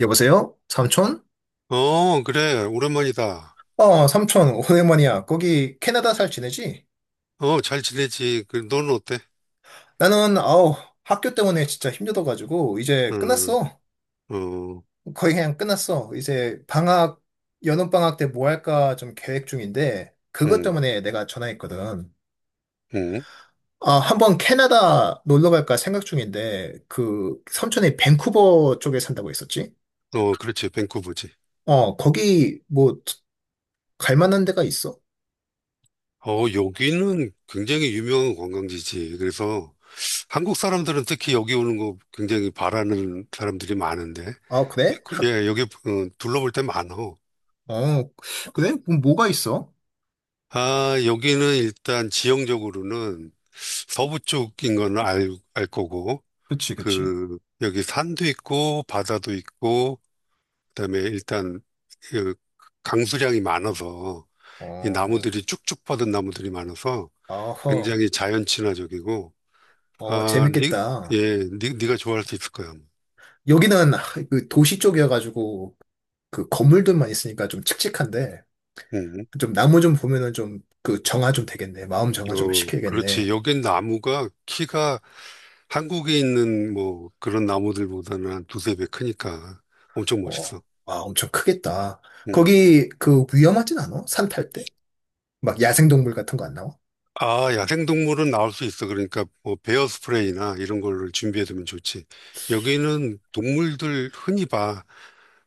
여보세요? 삼촌? 어, 그래. 오랜만이다. 어, 삼촌, 오랜만이야. 거기 캐나다 잘 지내지? 어, 잘 지내지. 그, 너는 어때? 나는, 아우, 학교 때문에 진짜 힘들어가지고, 이제 음, 끝났어. 어, 거의 그냥 끝났어. 이제 방학, 여름방학 때 뭐 할까 좀 계획 중인데, 그것 응. 때문에 내가 전화했거든. 응. 아, 한번 캐나다 놀러 갈까 생각 중인데, 그, 삼촌이 밴쿠버 쪽에 산다고 했었지? 어, 그렇지. 밴쿠버지. 어, 거기 뭐, 갈 만한 데가 있어? 어, 여기는 굉장히 유명한 관광지지. 그래서 한국 사람들은 특히 여기 오는 거 굉장히 바라는 사람들이 많은데. 아, 그래? 그- 예, 여기 어, 둘러볼 때 많어. 어, 그래? 그럼 뭐가 있어? 아, 여기는 일단 지형적으로는 서부 쪽인 건 알 거고, 그치, 그치. 그, 여기 산도 있고, 바다도 있고, 그다음에 일단 그 강수량이 많아서 이 어, 나무들이 쭉쭉 뻗은 나무들이 많아서 아허, 굉장히 자연 친화적이고. 어, 아, 니, 재밌겠다. 예, 니가 좋아할 수 있을 거야. 여기는 그 도시 쪽이어가지고 그 건물들만 있으니까 좀 칙칙한데 음, 좀 나무 좀 보면은 좀 그 정화 좀 되겠네. 마음 정화 좀 어, 그렇지. 시켜야겠네. 여긴 나무가 키가 한국에 있는 뭐 그런 나무들보다는 한 두세 배 크니까 엄청 어, 멋있어. 아, 엄청 크겠다. 음. 거기 그 위험하진 않아? 산 탈 때? 막 야생동물 같은 거 안 나와? 아, 야생동물은 나올 수 있어. 그러니까 뭐 베어 스프레이나 이런 걸 준비해두면 좋지. 여기는 동물들 흔히 봐.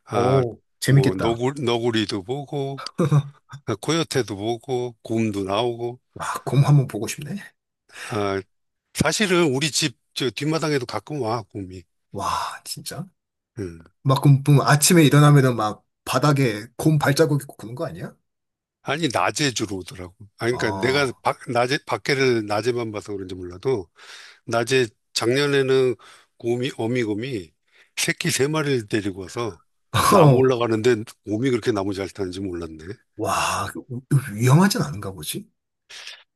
아, 오, 뭐 재밌겠다. 너구리도 보고 아, 코요테도 보고 곰도 나오고. 와, 곰 한번 보고 싶네. 아, 사실은 우리 집 저 뒷마당에도 가끔 와 곰이. 와, 진짜. 음. 막 그럼 보면 아침에 일어나면은 막 바닥에 곰 발자국 있고 그런 거 아니야? 아니, 낮에 주로 오더라고. 아, 그러니까 내가 아, 낮에 밖에를 낮에만 봐서 그런지 몰라도 낮에, 작년에는 곰이, 어미곰이 새끼 세 마리를 데리고 와서 나무 올라가는데 곰이 그렇게 나무 잘 타는지 몰랐네. 와, 위험하진 않은가 보지?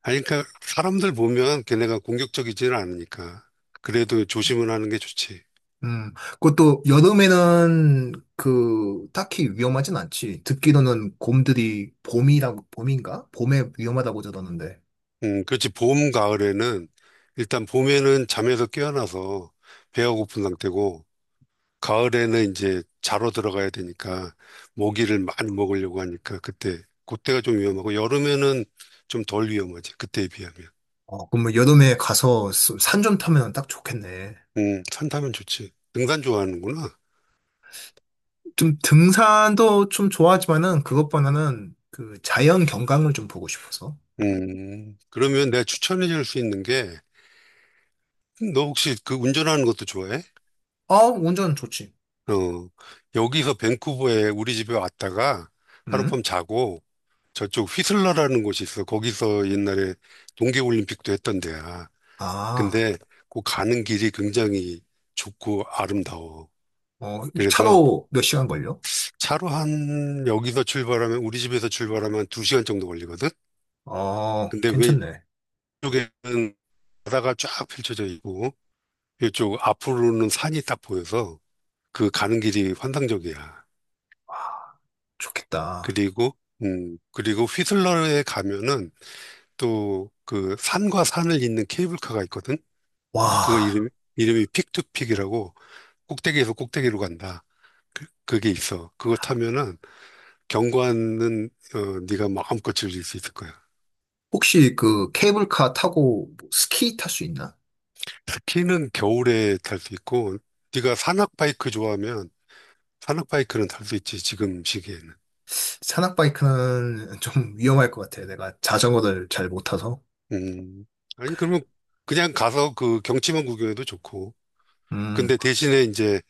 아니, 그러니까 사람들 보면 걔네가 공격적이지는 않으니까. 그래도 조심은 하는 게 좋지. 음, 그것도 여름에는 그 딱히 위험하진 않지. 듣기로는 곰들이 봄이라고, 봄인가? 봄에 위험하다고 들었는데. 그렇지. 봄, 가을에는 일단 봄에는 잠에서 깨어나서 배가 고픈 상태고, 가을에는 이제 자러 들어가야 되니까 모기를 많이 먹으려고 하니까 그때가 좀 위험하고, 여름에는 좀 덜 위험하지. 그때에 비하면. 어, 그럼 여름에 가서 산 좀 타면 딱 좋겠네. 산타면 좋지. 등산 좋아하는구나. 좀 등산도 좀 좋아하지만은 그것보다는 그 자연 경관을 좀 보고 싶어서. 그러면 내가 추천해 줄 수 있는 게, 너 혹시 그 운전하는 것도 좋아해? 어, 운전 좋지. 어, 여기서 밴쿠버에 우리 집에 왔다가 응? 하룻밤 자고 저쪽 휘슬러라는 곳이 있어. 거기서 옛날에 동계올림픽도 했던 데야. 아, 근데 그 가는 길이 굉장히 좋고 아름다워. 어, 그래서 차로 몇 시간 걸려? 차로 한, 여기서 출발하면, 우리 집에서 출발하면 두시간 정도 걸리거든? 어, 근데 괜찮네. 왼쪽에는 바다가 쫙 펼쳐져 있고 이쪽 앞으로는 산이 딱 보여서 그 가는 길이 환상적이야. 좋겠다. 그리고 음, 그리고 휘슬러에 가면은 또 그 산과 산을 잇는 케이블카가 있거든. 그거 와. 이름이 픽투픽이라고, 꼭대기에서 꼭대기로 간다. 그, 그게 있어. 그거 타면은 경관은 어, 네가 마음껏 즐길 수 있을 거야. 혹시 그 케이블카 타고 뭐 스키 탈 수 있나? 스키는 겨울에 탈 수 있고 네가 산악 바이크 좋아하면 산악 바이크는 탈 수 있지 지금 시기에는. 산악바이크는 좀 위험할 것 같아. 내가 자전거를 잘 못 타서. 음. 아니, 그러면 그냥 가서 그 경치만 구경해도 좋고. 음, 근데 대신에 이제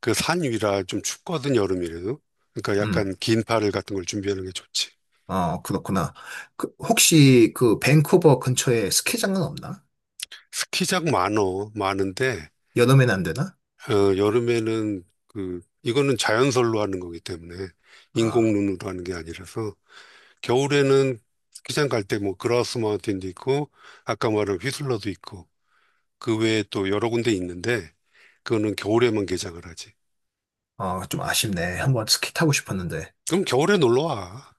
그 산 위라 좀 춥거든, 여름이라도. 그러니까 음, 약간 긴 파를 같은 걸 준비하는 게 좋지. 어, 그렇구나. 그, 혹시 그 밴쿠버 근처에 스키장은 없나? 스키장 많어, 많은데, 여름엔 안 되나? 어, 여름에는 그, 이거는 자연설로 하는 거기 때문에, 아, 인공눈으로 하는 게 아니라서. 겨울에는 스키장 갈 때 뭐 그라우스 마운틴도 있고 아까 말한 휘슬러도 있고 그 외에 또 여러 군데 있는데 그거는 겨울에만 개장을 하지. 아, 좀 아쉽네. 한번 스키 타고 싶었는데. 그럼 겨울에 놀러 와.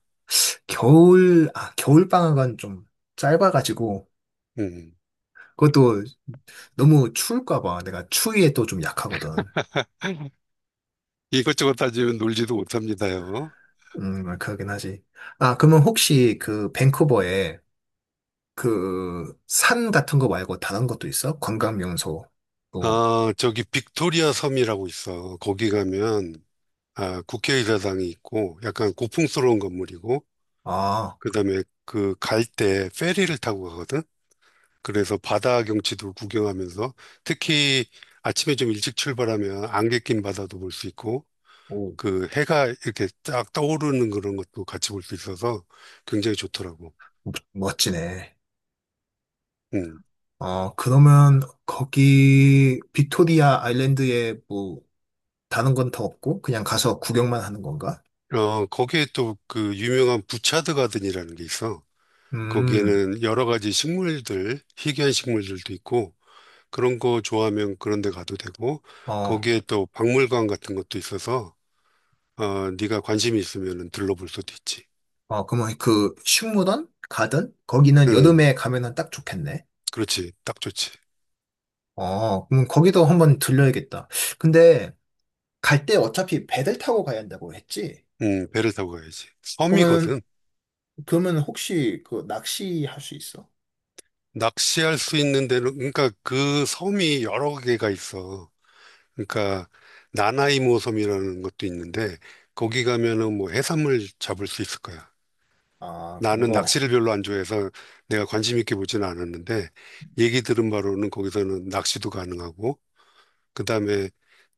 겨울, 아, 겨울 방학은 좀 짧아가지고. 음. 그것도 너무 추울까 봐. 내가 추위에 또 좀 약하거든. 이것저것 따지면 놀지도 못합니다요. 그러긴 하지. 아, 그러면 혹시 그 밴쿠버에 그, 산 같은 거 말고 다른 것도 있어? 관광 명소. 또, 아, 저기 빅토리아 섬이라고 있어. 거기 가면 아, 국회의사당이 있고 약간 고풍스러운 건물이고, 아, 그다음에 그 갈 때 페리를 타고 가거든. 그래서 바다 경치도 구경하면서, 특히 아침에 좀 일찍 출발하면 안개 낀 바다도 볼 수 있고 오, 그 해가 이렇게 쫙 떠오르는 그런 것도 같이 볼 수 있어서 굉장히 좋더라고. 멋지네. 음. 어, 그러면 거기 빅토리아 아일랜드에 뭐, 다른 건 더 없고, 그냥 가서 구경만 하는 건가? 어, 거기에 또 그 유명한 부차드 가든이라는 게 있어. 음, 거기에는 여러 가지 식물들, 희귀한 식물들도 있고, 그런 거 좋아하면 그런 데 가도 되고, 어, 거기에 또 박물관 같은 것도 있어서, 어, 네가 관심이 있으면 들러볼 수도 있지. 어, 그러면 그 식물원? 가든? 거기는 응, 여름에 가면은 딱 좋겠네. 그렇지. 딱 좋지. 어, 그럼 거기도 한번 들려야겠다. 근데 갈 때 어차피 배를 타고 가야 한다고 했지? 응, 배를 타고 가야지. 그러면 섬이거든. 그러면 혹시 그 낚시 할 수 있어? 낚시할 수 있는 데는, 그러니까 그 섬이 여러 개가 있어. 그러니까 나나이모 섬이라는 것도 있는데 거기 가면은 뭐 해산물 잡을 수 있을 거야. 아, 그런 나는 거. 낚시를 별로 안 좋아해서 내가 관심 있게 보지는 않았는데, 얘기 들은 바로는 거기서는 낚시도 가능하고, 그다음에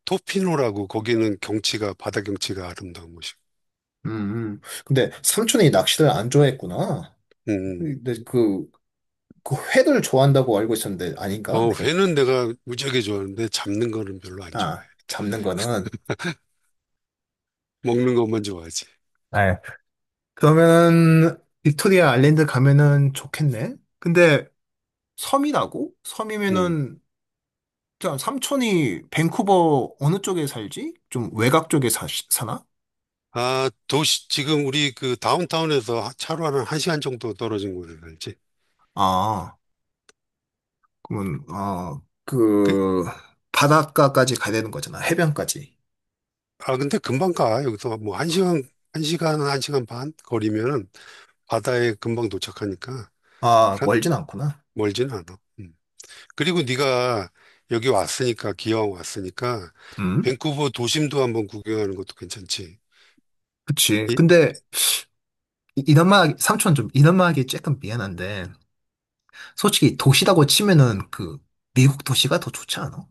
토피노라고, 거기는 경치가, 바다 경치가 아름다운 곳이고. 음, 근데 삼촌이 낚시를 안 좋아했구나. 음. 근데 음. 그, 그 회를 좋아한다고 알고 있었는데 아닌가? 어, 내가, 회는 내가 무지하게 좋아하는데 잡는 거는 별로 안 좋아해. 아, 잡는 거는. 먹는 것만 좋아하지. 네. 그러면은 빅토리아 아일랜드 가면은 좋겠네. 근데 섬이라고? 음. 섬이면은 자, 삼촌이 밴쿠버 어느 쪽에 살지? 좀 외곽 쪽에 사, 사나? 아, 도시 지금 우리 그 다운타운에서 차로 한 1시간 정도 떨어진 곳에 살지. 아, 그러면, 아, 그, 그, 바닷가까지 가야 되는 거잖아. 해변까지. 아, 근데 금방 가. 여기서 뭐 한 시간, 한 시간, 한 시간 반 거리면은 바다에 금방 도착하니까. 아, 사- 멀진 않구나. 멀진 않아. 음. 그리고 네가 여기 왔으니까, 기왕 왔으니까 음, 밴쿠버 도심도 한번 구경하는 것도 괜찮지. 그치. 이- 근데, 이남아, 삼촌 좀, 이남아 하기 조금 미안한데, 솔직히 도시라고 치면은 그, 미국 도시가 더 좋지 않아?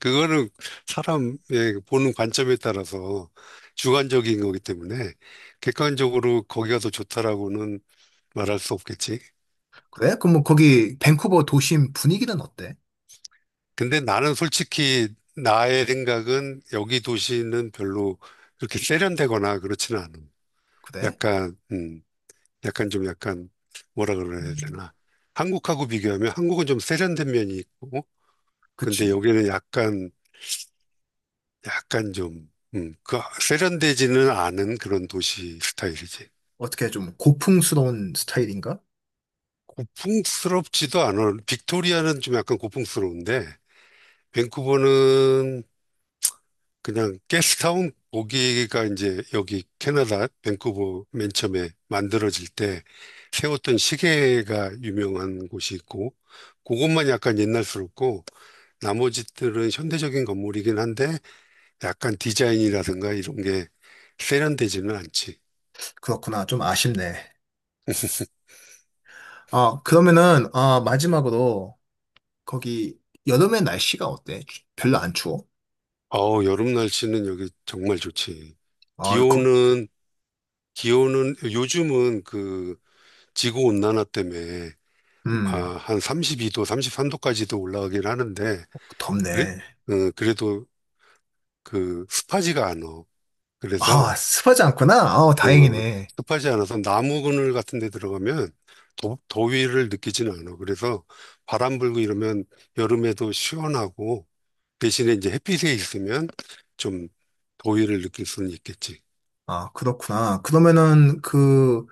그거는 사람의 보는 관점에 따라서 주관적인 거기 때문에 객관적으로 거기가 더 좋다라고는 말할 수 없겠지. 그래? 그럼 뭐 거기, 밴쿠버 도심 분위기는 어때? 근데 나는 솔직히 나의 생각은, 여기 도시는 별로 그렇게 세련되거나 그렇지는 않아. 그래? 약간, 약간 좀 약간 뭐라 그래야 음. 되나. 한국하고 비교하면 한국은 좀 세련된 면이 있고, 근데 그치. 여기는 약간, 약간 좀, 그 세련되지는 않은 그런 도시 스타일이지. 어떻게 좀 고풍스러운 스타일인가? 고풍스럽지도 않아. 빅토리아는 좀 약간 고풍스러운데, 밴쿠버는 그냥 게스트타운, 거기가 이제 여기 캐나다 밴쿠버 맨 처음에 만들어질 때 세웠던 시계가 유명한 곳이 있고 그것만 약간 옛날스럽고 나머지들은 현대적인 건물이긴 한데 약간 디자인이라든가 이런 게 세련되지는 않지. 그렇구나. 좀 아쉽네. 아, 그러면은, 아, 마지막으로, 거기, 여름에 날씨가 어때? 별로 안 추워? 어우, 여름 날씨는 여기 정말 좋지. 아, 거, 기온은 기온은 요즘은 그 지구 온난화 때문에 아, 음, 한 32도, 33도까지도 올라가긴 하는데. 그래? 덥네. 어, 그래도 그 습하지가 않아. 아, 그래서 습하지 않구나. 아, 어, 다행이네. 습하지 않아서 나무 그늘 같은 데 들어가면 더위를 느끼지는 않아. 그래서 바람 불고 이러면 여름에도 시원하고, 대신에 이제 햇빛에 있으면 좀 더위를 느낄 수는 있겠지. 아, 그렇구나. 그러면은 그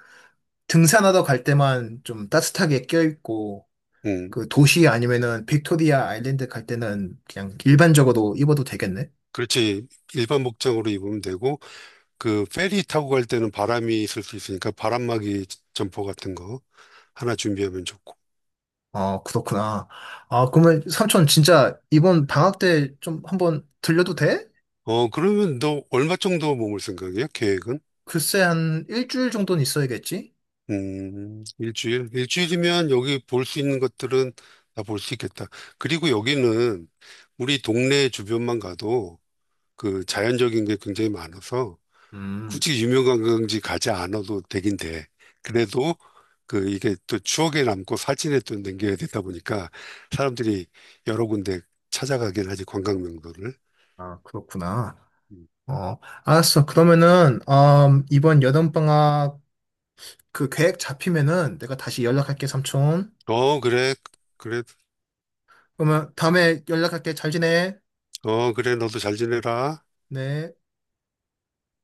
등산하러 갈 때만 좀 따뜻하게 껴입고 음, 그 도시 아니면은 빅토리아 아일랜드 갈 때는 그냥 일반적으로 입어도 되겠네. 그렇지. 일반 복장으로 입으면 되고 그 페리 타고 갈 때는 바람이 있을 수 있으니까 바람막이 점퍼 같은 거 하나 준비하면 좋고. 아, 그렇구나. 아, 그러면 삼촌 진짜 이번 방학 때 좀 한번 들려도 돼? 어, 그러면 너 얼마 정도 머물 생각이야? 계획은? 글쎄 한 일주일 정도는 있어야겠지? 일주일? 일주일이면 여기 볼 수 있는 것들은 다 볼 수 있겠다. 그리고 여기는 우리 동네 주변만 가도 그 자연적인 게 굉장히 많아서 음, 굳이 유명한 관광지 가지 않아도 되긴 돼. 그래도 그 이게 또 추억에 남고 사진에 또 남겨야 되다 보니까 사람들이 여러 군데 찾아가긴 하지, 관광 명소를. 아, 그렇구나. 음. 어, 알았어. 그러면은, 이번 여름방학 그 계획 잡히면은 내가 다시 연락할게, 삼촌. 어, 그래. 그래. 그러면 다음에 연락할게. 잘 지내. 어, 그래. 너도 잘 지내라. 네.